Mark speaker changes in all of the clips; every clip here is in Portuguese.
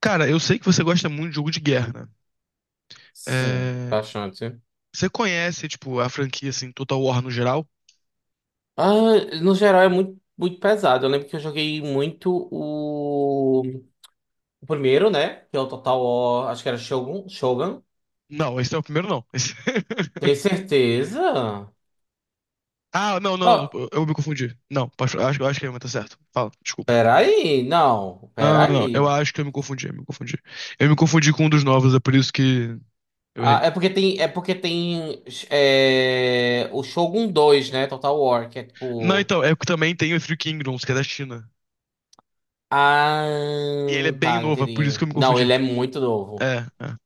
Speaker 1: Cara, eu sei que você gosta muito de jogo de guerra, né?
Speaker 2: Sim,
Speaker 1: É,
Speaker 2: bastante.
Speaker 1: Você conhece, tipo, a franquia, assim, Total War no geral?
Speaker 2: Ah, no geral é muito, muito pesado. Eu lembro que eu joguei muito o primeiro, né? Que é o Total War, acho que era Shogun.
Speaker 1: Não, esse é o primeiro, não.
Speaker 2: Tem certeza?
Speaker 1: Ah, não, não, não,
Speaker 2: Ó,
Speaker 1: eu me confundi. Não, acho que a minha tá certo. Fala, desculpa.
Speaker 2: peraí, não,
Speaker 1: Não, não, não,
Speaker 2: peraí.
Speaker 1: eu acho que eu me confundi, eu me confundi. Eu me confundi com um dos novos, é por isso que eu
Speaker 2: Ah,
Speaker 1: errei.
Speaker 2: é porque tem o Shogun 2, né? Total War, que é
Speaker 1: Não,
Speaker 2: tipo.
Speaker 1: então, é que também tem o Three Kingdoms, que é da China.
Speaker 2: Ah,
Speaker 1: E ele é bem
Speaker 2: tá,
Speaker 1: novo, é por isso
Speaker 2: entendi.
Speaker 1: que eu me
Speaker 2: Não, ele
Speaker 1: confundi.
Speaker 2: é muito novo.
Speaker 1: É, é.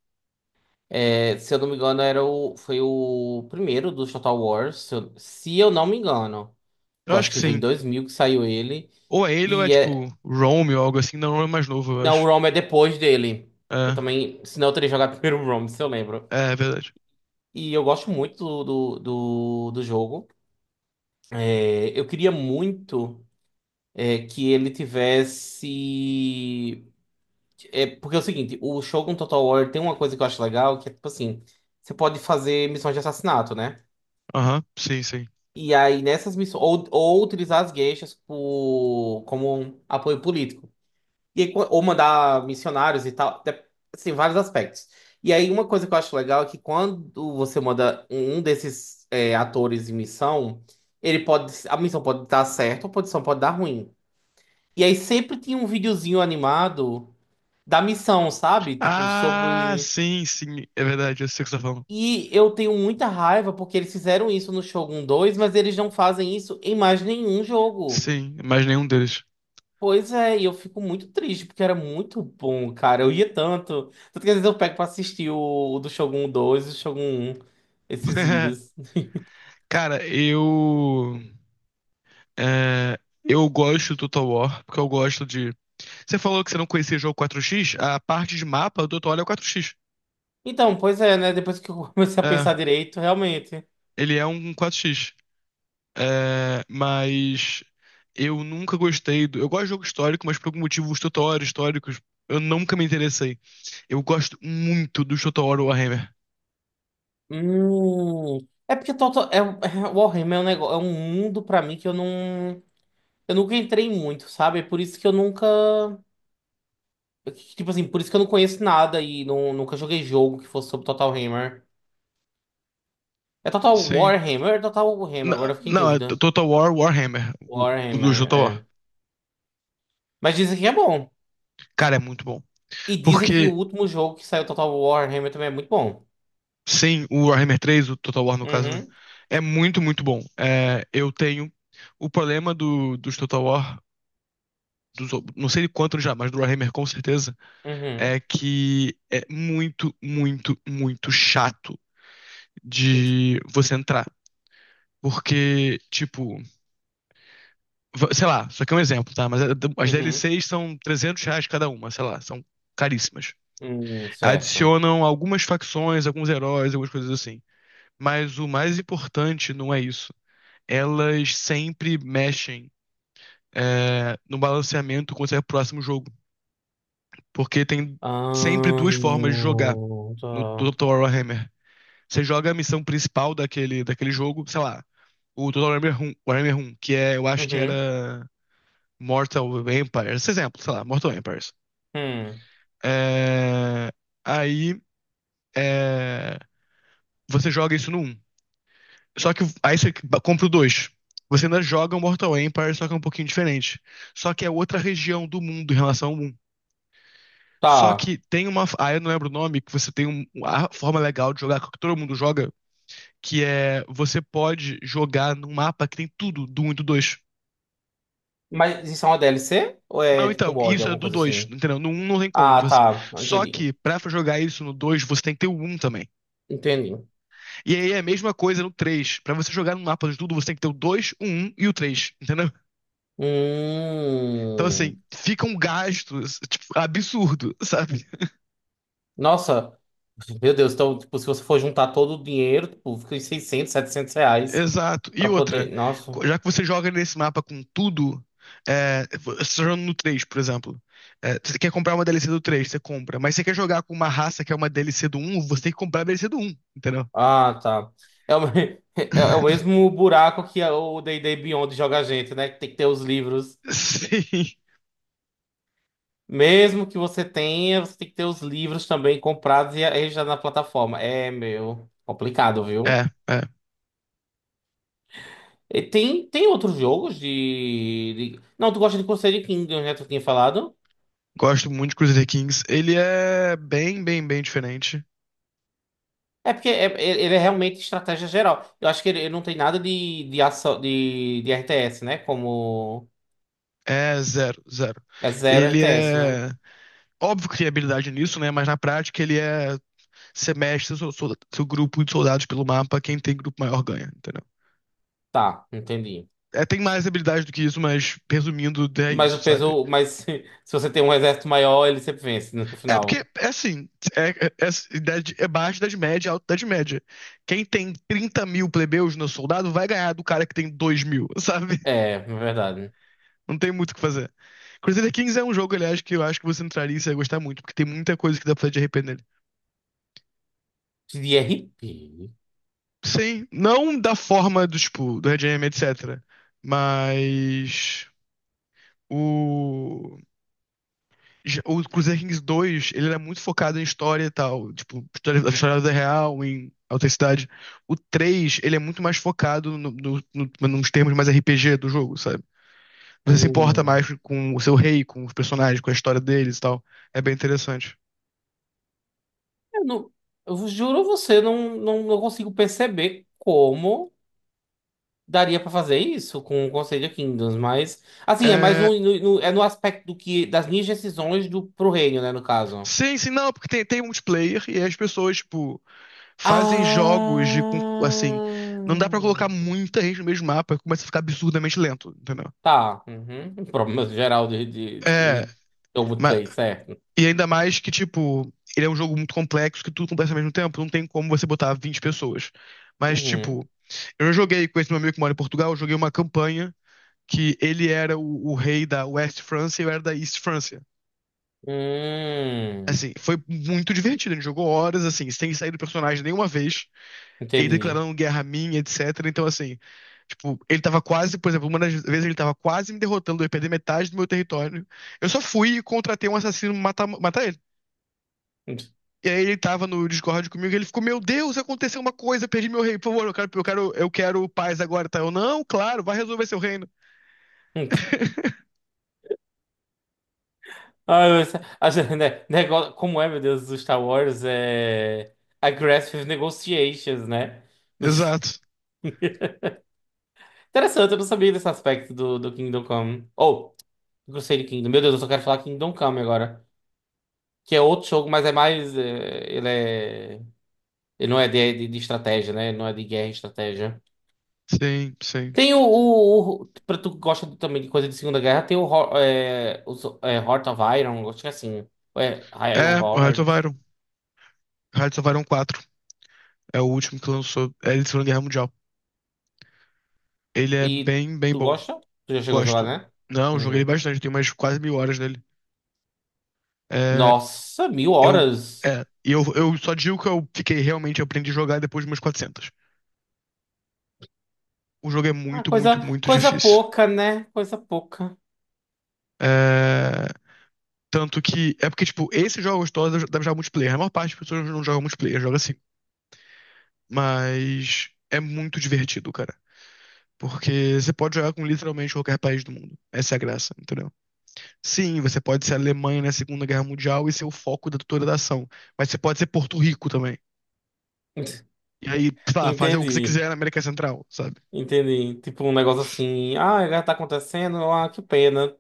Speaker 2: É, se eu não me engano, foi o primeiro dos Total Wars. Se eu não me engano.
Speaker 1: Eu
Speaker 2: Eu
Speaker 1: acho
Speaker 2: acho
Speaker 1: que
Speaker 2: que foi em
Speaker 1: sim.
Speaker 2: 2000 que saiu ele.
Speaker 1: Ou é ele ou é,
Speaker 2: E
Speaker 1: tipo,
Speaker 2: é.
Speaker 1: Rome ou algo assim. Não, Rome é mais novo, eu
Speaker 2: Não, o
Speaker 1: acho.
Speaker 2: ROM é depois dele. Eu
Speaker 1: É,
Speaker 2: também. Senão eu teria jogado primeiro o ROM, se eu lembro.
Speaker 1: é, é verdade.
Speaker 2: E eu gosto muito do jogo. É, eu queria muito que ele tivesse. É, porque é o seguinte: o Shogun Total War tem uma coisa que eu acho legal, que é tipo assim: você pode fazer missões de assassinato, né?
Speaker 1: Aham, sim, sim.
Speaker 2: E aí, nessas missões, ou utilizar as gueixas como um apoio político. E aí, ou mandar missionários e tal, assim, vários aspectos. E aí, uma coisa que eu acho legal é que quando você manda um desses atores em missão, a missão pode dar certo, ou a missão pode dar ruim. E aí, sempre tinha um videozinho animado da missão, sabe? Tipo,
Speaker 1: Ah,
Speaker 2: sobre.
Speaker 1: sim, sim, é verdade, eu sei o que você tá falando.
Speaker 2: E eu tenho muita raiva porque eles fizeram isso no Shogun 2, mas eles não fazem isso em mais nenhum jogo.
Speaker 1: Sim, mas nenhum deles.
Speaker 2: Pois é, e eu fico muito triste, porque era muito bom, cara. Eu ia tanto. Tanto que às vezes eu pego pra assistir o do Shogun 2 e o Shogun 1, esses vídeos.
Speaker 1: Cara, eu. é, eu gosto do Total War, porque eu gosto de. Você falou que você não conhecia o jogo 4x? A parte de mapa do Total War é o 4x.
Speaker 2: Então, pois é, né? Depois que eu comecei a pensar
Speaker 1: É,
Speaker 2: direito, realmente.
Speaker 1: ele é um 4x. É, mas. Eu nunca gostei do. Eu gosto de jogo histórico, mas por algum motivo os Total War históricos eu nunca me interessei. Eu gosto muito do Total War Warhammer.
Speaker 2: Hum. É porque Warhammer é um negócio, é um mundo pra mim que eu não. Eu nunca entrei muito, sabe? É por isso que eu nunca. Tipo assim, por isso que eu não conheço nada e não, nunca joguei jogo que fosse sobre Total Hammer. É Total
Speaker 1: Sim.
Speaker 2: Warhammer ou é Total Hammer?
Speaker 1: Não,
Speaker 2: Agora eu fiquei em
Speaker 1: não, é
Speaker 2: dúvida.
Speaker 1: Total War Warhammer, o do
Speaker 2: Warhammer,
Speaker 1: Total War.
Speaker 2: é. Mas dizem que é bom.
Speaker 1: Cara, é muito bom.
Speaker 2: E dizem que o
Speaker 1: Porque,
Speaker 2: último jogo que saiu Total War Warhammer também é muito bom.
Speaker 1: sim, o Warhammer três, o Total War no caso, né?
Speaker 2: Uhum,
Speaker 1: É muito, muito bom. É, eu tenho o problema do, dos Total War, dos, não sei de quanto já, mas do Warhammer com certeza,
Speaker 2: uhum,
Speaker 1: é que é muito, muito, muito chato de você entrar. Porque, tipo, sei lá, isso aqui é um exemplo, tá? Mas as
Speaker 2: uhum,
Speaker 1: DLCs são R$ 300 cada uma, sei lá, são caríssimas.
Speaker 2: uhum, certo.
Speaker 1: Adicionam algumas facções, alguns heróis, algumas coisas assim. Mas o mais importante não é isso. Elas sempre mexem, no balanceamento quando sai o próximo jogo. Porque tem sempre
Speaker 2: Ah,
Speaker 1: duas formas de jogar no
Speaker 2: tá.
Speaker 1: Total Warhammer. Você joga a missão principal daquele jogo, sei lá, o Total Warhammer 1, Warhammer 1, que é, eu acho que
Speaker 2: Uhum,
Speaker 1: era Mortal Empires, esse exemplo, sei lá, Mortal Empires.
Speaker 2: hum,
Speaker 1: É, Aí, é, você joga isso no um. Só que aí você compra o dois. Você ainda joga o Mortal Empire, só que é um pouquinho diferente. Só que é outra região do mundo em relação ao um. Só
Speaker 2: tá.
Speaker 1: que tem uma. Ah, eu não lembro o nome, que você tem uma forma legal de jogar, que todo mundo joga, que é você pode jogar num mapa que tem tudo do 1 e do 2.
Speaker 2: Mas isso é uma DLC? Ou é
Speaker 1: Não,
Speaker 2: tipo um
Speaker 1: então,
Speaker 2: mod,
Speaker 1: isso é
Speaker 2: alguma
Speaker 1: do
Speaker 2: coisa
Speaker 1: dois,
Speaker 2: assim?
Speaker 1: entendeu? No um não tem como.
Speaker 2: Ah,
Speaker 1: Você.
Speaker 2: tá.
Speaker 1: Só
Speaker 2: Entendi.
Speaker 1: que pra jogar isso no 2 você tem que ter o um também.
Speaker 2: Entendi.
Speaker 1: E aí é a mesma coisa no três. Pra você jogar no mapa de tudo, você tem que ter o dois, o 1 e o três, entendeu? Então, assim,
Speaker 2: Hum.
Speaker 1: fica um gasto, tipo, absurdo, sabe?
Speaker 2: Nossa. Meu Deus, então, tipo, se você for juntar todo o dinheiro, tipo, fica em 600, R$ 700
Speaker 1: Exato. E
Speaker 2: pra
Speaker 1: outra,
Speaker 2: poder. Nossa.
Speaker 1: já que você joga nesse mapa com tudo, você tá jogando no 3, por exemplo. É, você quer comprar uma DLC do 3? Você compra. Mas você quer jogar com uma raça que é uma DLC do um? Você tem que comprar a DLC do um, entendeu?
Speaker 2: Ah, tá. É é o mesmo buraco que o D&D Beyond joga a gente, né? Que tem que ter os livros.
Speaker 1: Sim.
Speaker 2: Mesmo que você tenha, você tem que ter os livros também comprados e registrados na plataforma. É, meu, complicado,
Speaker 1: É,
Speaker 2: viu?
Speaker 1: é.
Speaker 2: E tem outros jogos Não, tu gosta de Crusader Kingdoms, né? Tu tinha falado.
Speaker 1: Gosto muito de Crusader Kings. Ele é bem, bem, bem diferente.
Speaker 2: É porque ele é realmente estratégia geral. Eu acho que ele não tem nada de ação, de RTS, né? Como...
Speaker 1: É zero, zero.
Speaker 2: É zero
Speaker 1: Ele
Speaker 2: RTS, né?
Speaker 1: é. Óbvio que tem habilidade nisso, né? Mas na prática ele é. Você mexe seu grupo de soldados pelo mapa, quem tem grupo maior ganha, entendeu?
Speaker 2: Tá, entendi.
Speaker 1: É, tem mais habilidade do que isso, mas resumindo, é
Speaker 2: Mas
Speaker 1: isso, sabe?
Speaker 2: se você tem um exército maior, ele sempre vence, né, no
Speaker 1: É porque,
Speaker 2: final.
Speaker 1: é assim, é, é, é, é baixa idade média, alta idade média. Quem tem 30.000 plebeus no soldado vai ganhar do cara que tem 2.000, sabe?
Speaker 2: É, é verdade.
Speaker 1: Não tem muito o que fazer. Crusader Kings é um jogo, aliás, que eu acho que você entraria e você ia gostar muito, porque tem muita coisa que dá pra fazer de RP nele.
Speaker 2: De RP.
Speaker 1: Sim, não da forma do, tipo, do Red Em, etc. Mas o. O Crusader Kings dois ele era muito focado em história e tal, tipo, história, a história da vida real, em autenticidade. O 3 ele é muito mais focado nos termos mais RPG do jogo, sabe? Você se importa mais
Speaker 2: Hum.
Speaker 1: com o seu rei, com os personagens, com a história deles e tal. É bem interessante.
Speaker 2: Eu, não, eu juro a você, não consigo perceber como daria pra fazer isso com o Conselho de Kingdoms, mas assim, é mais
Speaker 1: É,
Speaker 2: um, é no aspecto do que das minhas decisões do pro reino, né, no caso.
Speaker 1: Sim, sim, não, porque tem multiplayer e as pessoas, tipo,
Speaker 2: Ah,
Speaker 1: fazem jogos de, assim, não dá pra colocar muita gente no mesmo mapa, começa a ficar absurdamente lento, entendeu?
Speaker 2: tá. Uhum. Um problema geral de, de, de,
Speaker 1: É,
Speaker 2: de Old
Speaker 1: mas.
Speaker 2: Play, certo.
Speaker 1: E ainda mais que, tipo, ele é um jogo muito complexo que tudo acontece ao mesmo tempo, não tem como você botar 20 pessoas. Mas,
Speaker 2: Uhum.
Speaker 1: tipo, eu já joguei com esse meu amigo que mora em Portugal, eu joguei uma campanha que ele era o rei da West França e eu era da East França.
Speaker 2: Hum,
Speaker 1: Assim, foi muito divertido, a gente jogou horas, assim, sem sair do personagem nenhuma vez, ele
Speaker 2: entendi.
Speaker 1: declarando guerra a mim, etc. Então, assim, tipo, ele tava quase, por exemplo, uma das vezes ele tava quase me derrotando, eu ia perder metade do meu território. Eu só fui e contratei um assassino pra matar, matar ele. E aí ele tava no Discord comigo, e ele ficou, meu Deus, aconteceu uma coisa, perdi meu rei, por favor, eu quero, eu quero, eu quero paz agora, tá? Eu, não, claro, vai resolver seu reino.
Speaker 2: Ah, como é, meu Deus, o Star Wars é aggressive negotiations, né?
Speaker 1: Exato.
Speaker 2: Interessante, eu não sabia desse aspecto do Kingdom Come. Ou, oh, Crusader Kingdom. Meu Deus, eu só quero falar Kingdom Come agora. Que é outro jogo, mas é mais. É, ele é. Ele não é de estratégia, né? Ele não é de guerra e estratégia.
Speaker 1: Sim, sim.
Speaker 2: Tem pra tu que gosta também de coisa de Segunda Guerra, tem o Heart of Iron, acho que é assim, Iron
Speaker 1: É, o Hearts of
Speaker 2: Heart.
Speaker 1: Iron. Hearts of Iron 4. É o último que lançou. É de Segunda Guerra Mundial. Ele é
Speaker 2: E
Speaker 1: bem, bem
Speaker 2: tu
Speaker 1: bom.
Speaker 2: gosta? Tu já chegou a jogar,
Speaker 1: Gosto.
Speaker 2: né?
Speaker 1: Não, joguei
Speaker 2: Uhum.
Speaker 1: bastante, tenho umas quase 1.000 horas nele. É,
Speaker 2: Nossa, mil
Speaker 1: eu.
Speaker 2: horas.
Speaker 1: É, e eu só digo que eu fiquei realmente, eu aprendi a jogar depois de umas 400. O jogo é
Speaker 2: Ah,
Speaker 1: muito, muito,
Speaker 2: coisa,
Speaker 1: muito
Speaker 2: coisa
Speaker 1: difícil.
Speaker 2: pouca, né? Coisa pouca.
Speaker 1: É. Tanto que. É porque, tipo, esses jogos todos devem jogar multiplayer. A maior parte das pessoas não joga multiplayer, joga assim. Mas é muito divertido, cara. Porque você pode jogar com literalmente qualquer país do mundo. Essa é a graça, entendeu? Sim, você pode ser a Alemanha na Segunda Guerra Mundial e ser o foco da toda da ação. Mas você pode ser Porto Rico também. E aí, sei lá, fazer o que você
Speaker 2: Entendi,
Speaker 1: quiser na América Central, sabe?
Speaker 2: entendi. Tipo um negócio assim, ah, agora tá acontecendo, ah, que pena.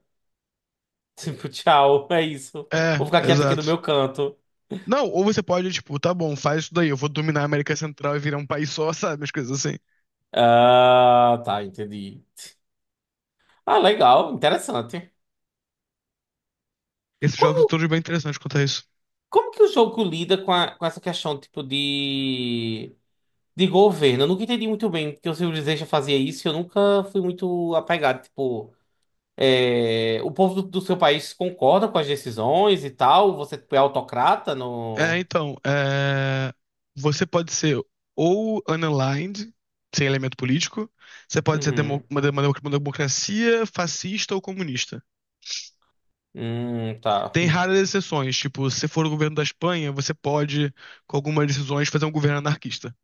Speaker 2: Tipo, tchau, é isso. Vou
Speaker 1: É,
Speaker 2: ficar quieto aqui no
Speaker 1: exato.
Speaker 2: meu canto.
Speaker 1: Não, ou você pode, tipo, tá bom, faz isso daí, eu vou dominar a América Central e virar um país só, sabe? As coisas assim.
Speaker 2: Ah, tá, entendi. Ah, legal, interessante.
Speaker 1: Esses jogos
Speaker 2: Como,
Speaker 1: são todos bem interessantes quanto a isso.
Speaker 2: como que o jogo lida com, com essa questão, tipo, de governo? Eu nunca entendi muito bem porque o Civilization fazia isso e eu nunca fui muito apegado, tipo... é, o povo do seu país concorda com as decisões e tal? Você, tipo, é autocrata
Speaker 1: É,
Speaker 2: no...
Speaker 1: então, você pode ser ou unaligned, sem elemento político, você pode ser
Speaker 2: Uhum.
Speaker 1: uma democracia fascista ou comunista.
Speaker 2: Tá.
Speaker 1: Tem raras exceções, tipo, se for o governo da Espanha, você pode, com algumas decisões, fazer um governo anarquista.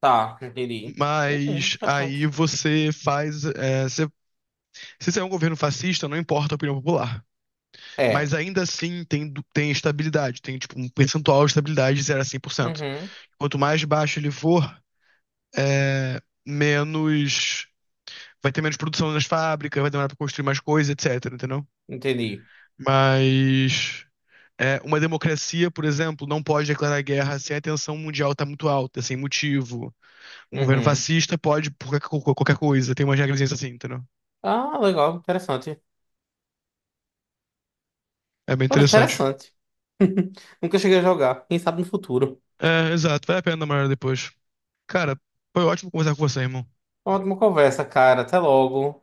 Speaker 2: Tá, entendi. Uhum,
Speaker 1: Mas aí
Speaker 2: interessante.
Speaker 1: você faz. Se você é um governo fascista, não importa a opinião popular. Mas
Speaker 2: É.
Speaker 1: ainda assim tem, tem estabilidade, tem tipo um percentual de estabilidade de zero a 100%.
Speaker 2: Uhum,
Speaker 1: Quanto mais baixo ele for, é, menos. Vai ter menos produção nas fábricas, vai demorar pra construir mais coisa, etc, entendeu?
Speaker 2: entendi.
Speaker 1: Mas. Uma democracia, por exemplo, não pode declarar guerra se a tensão mundial tá muito alta, sem motivo. Um governo
Speaker 2: Uhum.
Speaker 1: fascista pode por qualquer coisa, tem umas regras assim, entendeu?
Speaker 2: Ah, legal, interessante.
Speaker 1: É bem
Speaker 2: Olha,
Speaker 1: interessante.
Speaker 2: interessante. Nunca cheguei a jogar. Quem sabe no futuro.
Speaker 1: É, exato, vale a pena dar uma olhada depois. Cara, foi ótimo conversar com você, irmão.
Speaker 2: Ótima conversa, cara. Até logo.